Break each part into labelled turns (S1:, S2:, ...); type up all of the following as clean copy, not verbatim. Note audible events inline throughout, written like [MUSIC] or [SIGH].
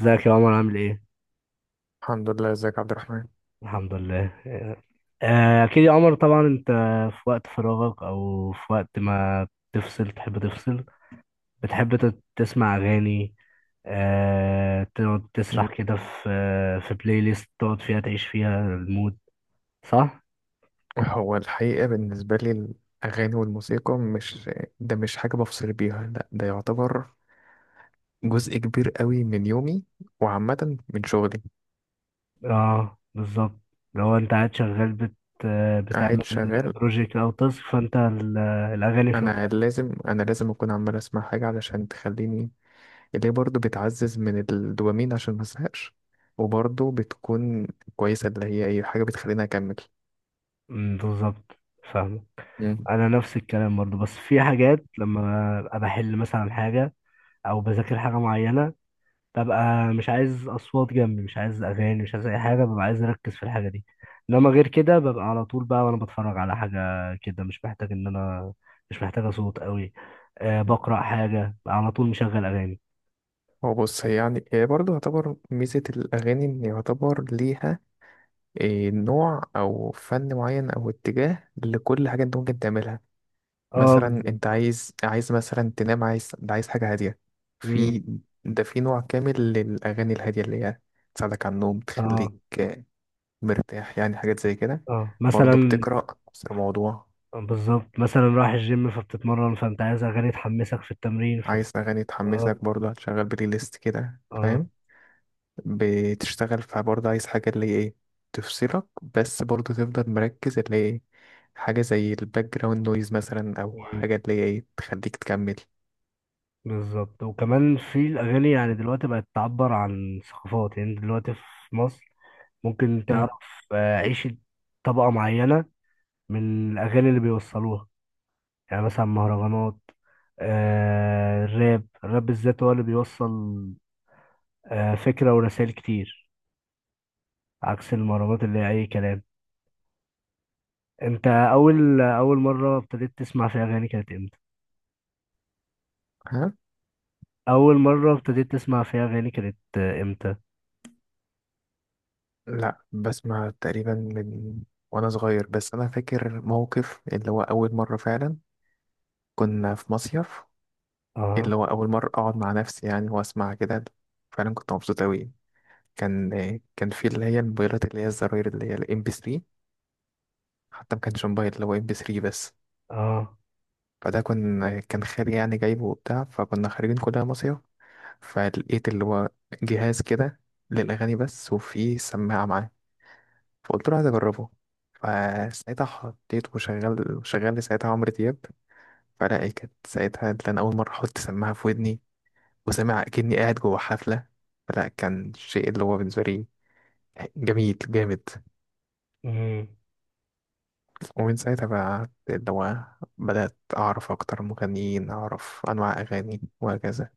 S1: ازيك يا عمر، عامل ايه؟
S2: الحمد لله، ازيك يا عبد الرحمن؟
S1: الحمد لله. اكيد يا عمر، طبعا انت في وقت فراغك او في وقت ما تحب تفصل. بتحب تسمع اغاني، تقعد
S2: مم.
S1: تسرح كده في بلاي ليست، تقعد فيها تعيش فيها المود، صح؟
S2: هو الحقيقة بالنسبة لي الأغاني والموسيقى مش ده مش حاجة بفصل بيها، لا ده يعتبر جزء كبير قوي من يومي، وعامة من شغلي.
S1: اه بالظبط. لو انت قاعد شغال بت
S2: قاعد
S1: بتعمل
S2: شغال.
S1: بروجيكت او تاسك، فانت الاغاني في
S2: أنا
S1: ودنك.
S2: لازم أنا لازم أكون عمال أسمع حاجة علشان تخليني، اللي هي برضه بتعزز من الدوبامين عشان مزهقش، وبرضه بتكون كويسة، اللي هي أي حاجة بتخليني أكمل.
S1: بالظبط. فاهم.
S2: مم.
S1: انا نفس الكلام برضو، بس في حاجات لما ابقى بحل مثلا حاجه او بذاكر حاجه معينه ببقى مش عايز اصوات جنبي، مش عايز اغاني، مش عايز اي حاجه، ببقى عايز اركز في الحاجه دي. انما غير كده ببقى على طول بقى وانا بتفرج على حاجه كده، مش محتاج ان انا مش محتاجه صوت قوي. أه بقرا حاجه ببقى على طول مشغل اغاني.
S2: هو بص، هي يعني هي برضه يعتبر ميزة الأغاني إن يعتبر ليها إيه، نوع او فن معين او اتجاه لكل حاجه انت ممكن تعملها.
S1: اه
S2: مثلا
S1: بالظبط.
S2: انت عايز مثلا تنام، عايز حاجه هاديه، في
S1: امم.
S2: ده في نوع كامل للاغاني الهاديه اللي هي تساعدك على النوم،
S1: اه.
S2: تخليك آه، مرتاح، يعني حاجات زي كده.
S1: اه
S2: برضه
S1: مثلا.
S2: بتقرا نفس الموضوع.
S1: بالظبط، مثلا رايح الجيم فبتتمرن، فانت عايز اغاني تحمسك في التمرين
S2: عايز اغاني
S1: اه.
S2: تحمسك، برضه هتشغل بلاي ليست كده، فاهم. بتشتغل فبرضه عايز حاجة اللي هي ايه تفصلك، بس برضه تفضل مركز، اللي هي ايه حاجة زي الباك جراوند نويز مثلا، أو
S1: اه
S2: حاجة اللي هي ايه تخليك تكمل.
S1: بالظبط. وكمان في الأغاني، يعني دلوقتي بقت تعبر عن ثقافات، يعني دلوقتي في مصر ممكن
S2: مم.
S1: تعرف عيشة طبقة معينة من الأغاني اللي بيوصلوها. يعني مثلا مهرجانات، الراب الراب بالذات هو اللي بيوصل فكرة ورسائل كتير، عكس المهرجانات اللي هي أي كلام. أنت أول أول مرة ابتديت تسمع فيها أغاني كانت إمتى؟
S2: ها.
S1: أول مرة ابتديت تسمع فيها أغاني كانت إمتى؟
S2: لا، بسمع تقريبا من وأنا صغير، بس أنا فاكر موقف اللي هو أول مرة فعلا. كنا في مصيف،
S1: أه.
S2: اللي هو أول مرة أقعد مع نفسي يعني وأسمع كده. فعلا كنت مبسوط أوي. كان كان في اللي هي الموبايلات اللي هي الزراير، اللي هي الام بي 3. حتى ما كانش موبايل، اللي هو ام بي 3 بس.
S1: أه.
S2: فده كان خالي يعني جايبه وبتاع، فكنا خارجين كلنا مصيف. فلقيت اللي هو جهاز كده للأغاني بس، وفيه سماعة معاه. فقلت له عايز أجربه. فساعتها حطيت وشغل، شغل لي ساعتها عمرو دياب. فلا إيه، كانت ساعتها اللي أنا أول مرة أحط سماعة في ودني، وسامع أكني قاعد جوه حفلة. فلا، كان شيء اللي هو بالنسبة لي جميل جامد.
S1: مم.
S2: ومن ساعتها بقى اللي هو بدأت أعرف أكتر مغنيين، أعرف أنواع أغاني، وهكذا.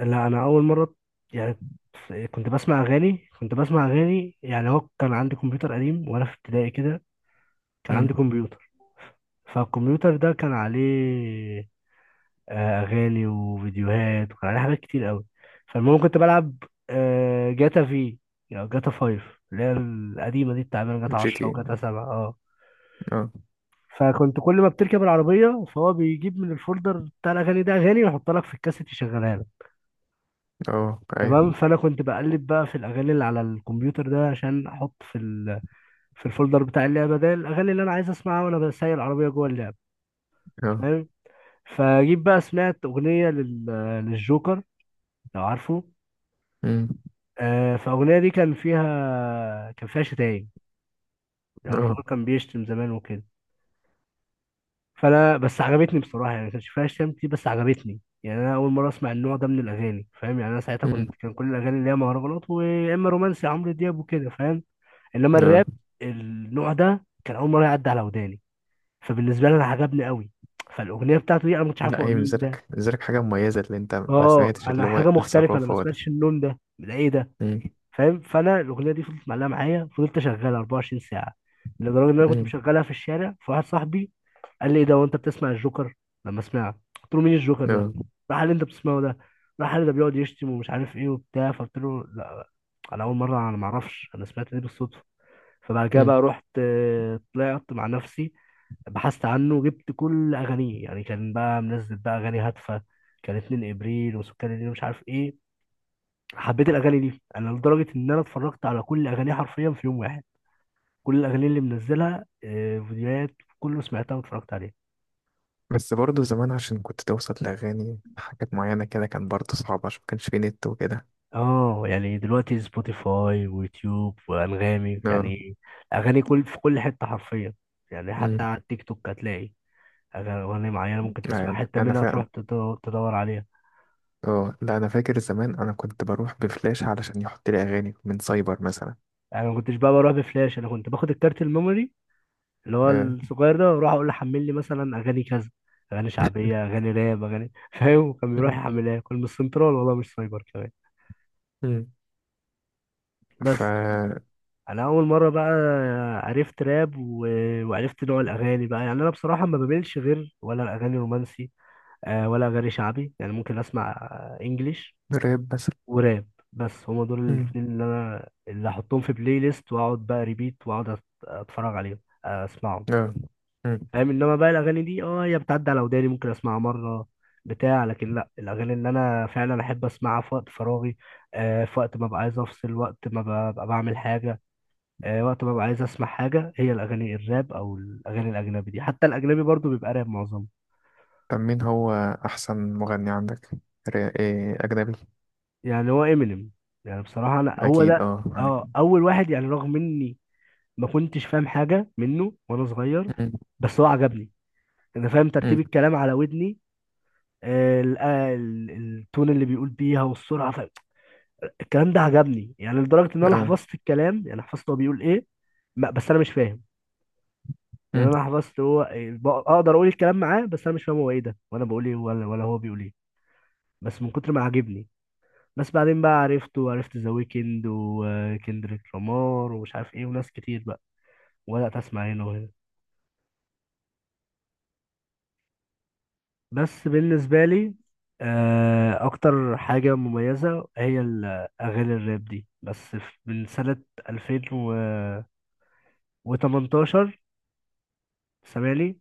S1: لا انا اول مره، يعني كنت بسمع اغاني. يعني هو كان عندي كمبيوتر قديم وانا في ابتدائي كده، كان
S2: مم.
S1: عندي كمبيوتر، فالكمبيوتر ده كان عليه اغاني وفيديوهات، وكان عليه حاجات كتير قوي. فالمهم كنت بلعب جاتا في، يعني جاتا فايف، اللي هي القديمه دي بتاع جاتا
S2: جي تي
S1: 10 وجاتا
S2: إيه.
S1: 7. اه،
S2: اه.
S1: فكنت كل ما بتركب العربيه فهو بيجيب من الفولدر بتاع الاغاني ده اغاني ويحط لك في الكاسيت يشغلها لك.
S2: اه
S1: تمام.
S2: ايوه.
S1: فانا كنت بقلب بقى في الاغاني اللي على الكمبيوتر ده عشان احط في الفولدر بتاع اللعبه ده الاغاني اللي انا عايز اسمعها وانا بسايق العربيه جوه اللعبه،
S2: اه.
S1: فاهم. فجيت بقى سمعت اغنيه للجوكر، لو عارفه.
S2: امم.
S1: فالاغنيه دي كان فيها شتايم، يعني
S2: اه.
S1: الجوكر كان بيشتم زمان وكده. فانا بس عجبتني بصراحه، يعني ما كانش فيها شتايم كتير بس عجبتني. يعني انا اول مره اسمع النوع ده من الاغاني، فاهم. يعني انا ساعتها
S2: امم.
S1: كان كل الاغاني اللي هي مهرجانات، ويا اما رومانسي، عمرو دياب وكده، فاهم. انما
S2: اه.
S1: الراب النوع ده كان اول مره يعدي على وداني، فبالنسبه لي انا عجبني قوي. فالاغنيه بتاعته دي انا ما كنتش عارف
S2: لا،
S1: هو
S2: هي
S1: مين ده.
S2: بالنسبالك حاجة مميزة، اللي انت ما
S1: اه
S2: سمعتش
S1: انا
S2: اللي هو
S1: حاجه مختلفه، انا ما
S2: الثقافة ولا.
S1: سمعتش النون ده، ده ايه ده؟
S2: امم.
S1: فاهم. فانا الاغنيه دي فضلت معلقه معايا، فضلت اشغلها 24 ساعه، لدرجه ان انا كنت
S2: امم.
S1: مشغلها في الشارع. فواحد صاحبي قال لي ايه ده وانت بتسمع الجوكر، لما سمعها قلت له مين الجوكر ده.
S2: اه.
S1: راح قال لي انت بتسمعه ده، راح قال لي ده بيقعد يشتم ومش عارف ايه وبتاع. فقلت له لا، انا اول مره، انا ما اعرفش، انا سمعت دي بالصدفه. فبعد كده
S2: امم.
S1: بقى رحت طلعت مع نفسي، بحثت عنه وجبت كل اغانيه. يعني كان بقى منزل بقى اغاني هادفه، كان 2 ابريل وسكان الليل مش عارف ايه. حبيت الاغاني دي انا لدرجه ان انا اتفرجت على كل اغانيه حرفيا في يوم واحد. كل الاغاني اللي منزلها فيديوهات، كله سمعتها واتفرجت عليها.
S2: بس برضه زمان عشان كنت توصل لأغاني حاجات معينة كده، كان برضه صعب عشان مكانش فيه نت وكده.
S1: اه، يعني دلوقتي سبوتيفاي ويوتيوب وانغامي،
S2: اه.
S1: يعني اغاني في كل حته حرفيا. يعني
S2: امم.
S1: حتى على التيك توك هتلاقي أغاني معينه ممكن
S2: لا
S1: تسمع
S2: يعني
S1: حته
S2: أنا
S1: منها
S2: فعلا.
S1: تروح تدور عليها.
S2: اه، لا أنا فاكر زمان أنا كنت بروح بفلاش علشان يحط لي أغاني من سايبر مثلا.
S1: يعني ما كنتش بقى بروح بفلاش، انا كنت باخد الكارت الميموري اللي هو
S2: اه.
S1: الصغير ده واروح اقول له حمل لي مثلا اغاني كذا، اغاني شعبيه، اغاني راب، اغاني [LAUGHS] فاهم. وكان بيروح
S2: امم.
S1: يحملها لي. كان من السنترال والله، مش سايبر كمان.
S2: امم. ف.
S1: بس انا اول مره بقى عرفت راب وعرفت نوع الاغاني بقى. يعني انا بصراحه ما بميلش غير ولا الاغاني رومانسي ولا اغاني شعبي، يعني ممكن اسمع انجليش
S2: راب مثلا.
S1: وراب. بس هما دول
S2: امم.
S1: الاتنين اللي احطهم في بلاي ليست، واقعد بقى ريبيت واقعد اتفرج عليهم، اسمعهم،
S2: اه.
S1: فاهم. انما بقى الاغاني دي اه هي بتعدي على وداني ممكن اسمعها مره، بتاع، لكن لا، الاغاني اللي انا فعلا احب اسمعها في وقت فراغي في وقت ما ببقى عايز افصل، وقت ما ببقى بعمل حاجه، وقت ما ببقى عايز اسمع حاجه، هي الاغاني الراب او الاغاني الاجنبي دي، حتى الاجنبي برضو بيبقى راب معظمه.
S2: طب مين هو أحسن مغني عندك؟ إيه أجنبي؟
S1: يعني هو امينيم. يعني بصراحه انا هو
S2: أكيد
S1: ده،
S2: أه
S1: اه
S2: يعني.
S1: اول واحد، يعني رغم اني ما كنتش فاهم حاجه منه وانا صغير،
S2: مم.
S1: بس هو عجبني. انا فاهم ترتيب
S2: مم.
S1: الكلام على ودني، التون اللي بيقول بيها والسرعه. الكلام ده عجبني، يعني لدرجه ان انا
S2: أه.
S1: حفظت الكلام، يعني حفظت هو بيقول ايه. بس انا مش فاهم. يعني
S2: مم.
S1: انا حفظت هو إيه، اقدر اقول الكلام معاه، بس انا مش فاهم هو ايه ده وانا بقول ايه ولا هو بيقول ايه، بس من كتر ما عاجبني. بس بعدين بقى عرفته، وعرفت ذا ويكند وكندريك لامار ومش عارف ايه وناس كتير بقى، وبدات اسمع هنا وهنا. بس بالنسبة لي أكتر حاجة مميزة هي الأغاني الراب دي، بس من سنة 2018. سامعني؟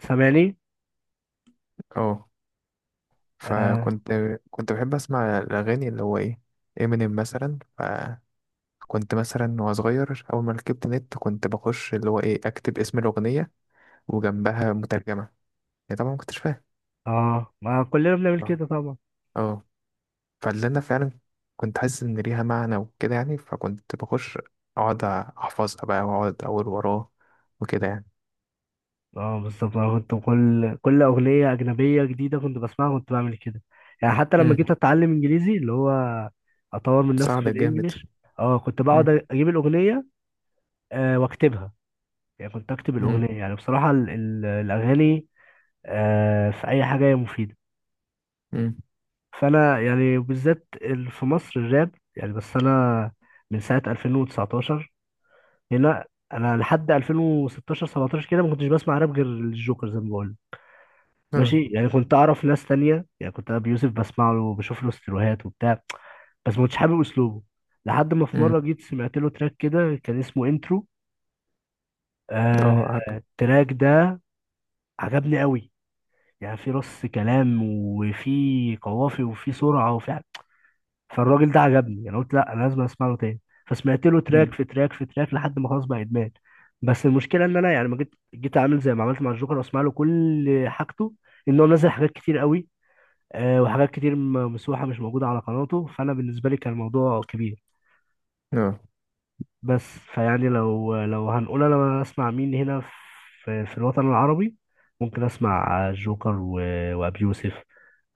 S1: سامعني؟
S2: أه.
S1: آه.
S2: فكنت كنت بحب أسمع الأغاني، اللي هو إيه، إمينيم مثلا، فكنت مثلا وأنا صغير، أول ما ركبت نت كنت بخش اللي هو إيه، أكتب اسم الأغنية وجنبها مترجمة، يعني طبعا ما كنتش فاهم.
S1: آه ما كلنا بنعمل
S2: أه.
S1: كده طبعا.
S2: أه. فاللي أنا فعلا كنت حاسس إن ليها معنى وكده يعني، فكنت بخش أقعد أحفظها بقى وأقعد أقول وراه وكده.
S1: اه بالظبط، أنا كنت كل أغنية أجنبية جديدة كنت بسمعها كنت بعمل كده. يعني حتى لما جيت
S2: يعني
S1: أتعلم إنجليزي، اللي هو أطور من نفسي في
S2: ساعدك جامد.
S1: الإنجليش. اه كنت
S2: مم.
S1: بقعد أجيب الأغنية، وأكتبها. يعني كنت أكتب
S2: مم.
S1: الأغنية. يعني بصراحة الأغاني في اي حاجه هي مفيده.
S2: مم.
S1: فانا يعني بالذات في مصر الراب، يعني بس انا من ساعه 2019 هنا. انا لحد 2016 17 كده ما كنتش بسمع راب غير الجوكر، زي ما بقول.
S2: اه.
S1: ماشي. يعني كنت اعرف ناس تانية، يعني كنت ابي يوسف بسمع له وبشوف له استروهات وبتاع، بس ما كنتش حابب اسلوبه. لحد ما في
S2: مم.
S1: مره جيت سمعت له تراك كده كان اسمه انترو، آه
S2: اه عارف.
S1: التراك ده عجبني قوي، يعني في رص كلام وفي قوافي وفي سرعه فالراجل ده عجبني، انا قلت لا انا لازم اسمع له تاني، فسمعت له
S2: مم.
S1: تراك في تراك في تراك لحد ما خلاص بقى ادمان. بس المشكله ان انا يعني ما جيت عامل زي ما عملت مع الجوكر واسمع له كل حاجته، ان هو منزل حاجات كتير قوي وحاجات كتير مسروحه مش موجوده على قناته. فانا بالنسبه لي كان الموضوع كبير.
S2: اه.
S1: بس، فيعني لو هنقول انا اسمع مين هنا في الوطن العربي، ممكن اسمع الجوكر وابي يوسف،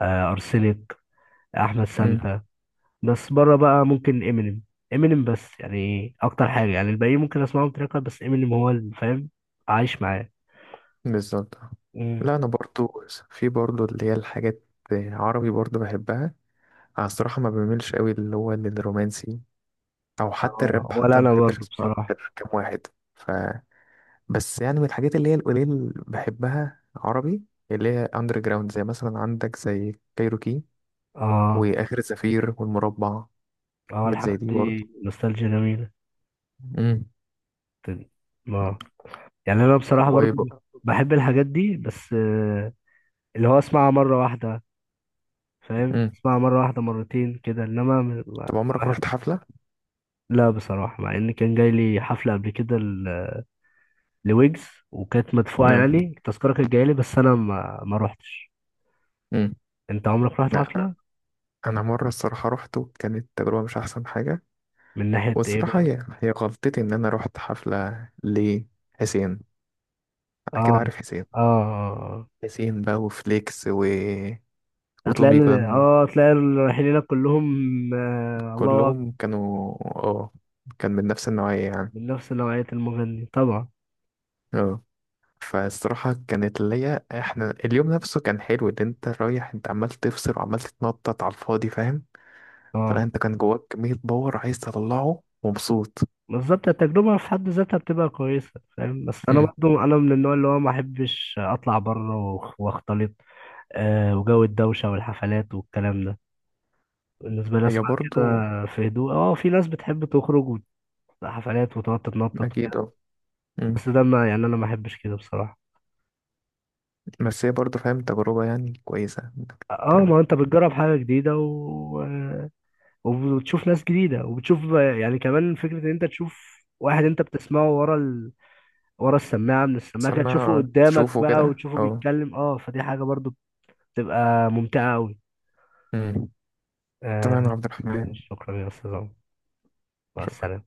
S1: ارسنك، احمد
S2: مم.
S1: سانتا. بس بره بقى ممكن امينيم. امينيم بس، يعني اكتر حاجه، يعني الباقيين ممكن اسمعهم تراك، بس امينيم هو اللي فاهم، عايش معاه.
S2: بالظبط.
S1: مم.
S2: لا انا برضو في برضو اللي هي الحاجات عربي برضو بحبها. انا الصراحة ما بميلش قوي اللي هو الرومانسي، او حتى
S1: اه
S2: الراب،
S1: ولا
S2: حتى ما
S1: انا
S2: بحبش
S1: برضو
S2: اسمعه
S1: بصراحه.
S2: غير كام واحد. ف. بس يعني من الحاجات اللي هي القليل اللي بحبها عربي، اللي هي اندر جراوند، زي مثلا عندك زي كايروكي
S1: اه.
S2: واخر زفير والمربع.
S1: اه
S2: حاجات
S1: الحاجات
S2: زي دي برضو.
S1: دي نوستالجيا جميله. تن- اه. يعني انا بصراحه برضو بحب الحاجات دي بس، اللي هو اسمعها مره واحده، فاهم،
S2: امم.
S1: اسمعها مره واحده مرتين كده، انما ما
S2: طب
S1: ما
S2: عمرك
S1: بحب.
S2: رحت حفلة؟
S1: لا بصراحه، مع ان كان جاي لي حفله قبل كده، لويجز، وكانت مدفوعة،
S2: مم.
S1: يعني التذكرة كانت جاية لي بس أنا ما روحتش.
S2: مم.
S1: أنت عمرك رحت
S2: لا.
S1: حفلة؟
S2: أنا مرة الصراحة روحته، كانت تجربة مش أحسن حاجة.
S1: من ناحية إيه
S2: والصراحة
S1: بقى؟
S2: هي غلطتي إن أنا روحت حفلة لحسين. أكيد
S1: آه.
S2: عارف حسين.
S1: آه. آه. آه.
S2: حسين بقى وفليكس و... وتومي جان.
S1: هتلاقي اللي رايحين هناك كلهم. آه، الله أكبر.
S2: كلهم كانوا اه، كان من نفس النوعية يعني.
S1: من نفس نوعية المغني طبعا.
S2: اه. فالصراحة كانت ليا، احنا اليوم نفسه كان حلو، اللي انت رايح انت عمال تفصل وعمال تتنطط على الفاضي، فاهم.
S1: آه
S2: فلا، انت كان جواك كمية باور عايز تطلعه، ومبسوط.
S1: بالظبط، التجربة في حد ذاتها بتبقى كويسة، فاهم. بس أنا برضو أنا من النوع اللي هو ما أحبش أطلع بره وأختلط، وجو الدوشة والحفلات والكلام ده. بالنسبة لي
S2: هي
S1: أسمع كده
S2: برضو.
S1: في هدوء. اه، في ناس بتحب تخرج حفلات وتقعد تتنطط
S2: أكيد
S1: كده،
S2: أه. مم.
S1: بس ده ما يعني انا ما احبش كده بصراحة.
S2: بس هي برضو فاهم تجربة يعني كويسة إنك
S1: اه،
S2: تعمل.
S1: ما انت بتجرب حاجة جديدة و... آه، وبتشوف ناس جديدة وبتشوف، يعني كمان فكرة ان انت تشوف واحد انت بتسمعه ورا السماعة، من
S2: بس
S1: السماعة كده تشوفه
S2: أما
S1: قدامك
S2: تشوفه
S1: بقى
S2: كده
S1: وتشوفه
S2: أه.
S1: بيتكلم، اه فدي حاجة برضو بتبقى ممتعة قوي.
S2: مم. تمام يا
S1: آه.
S2: عبد الرحمن.
S1: شكرا يا استاذ عمر. مع
S2: شكرا.
S1: السلامة.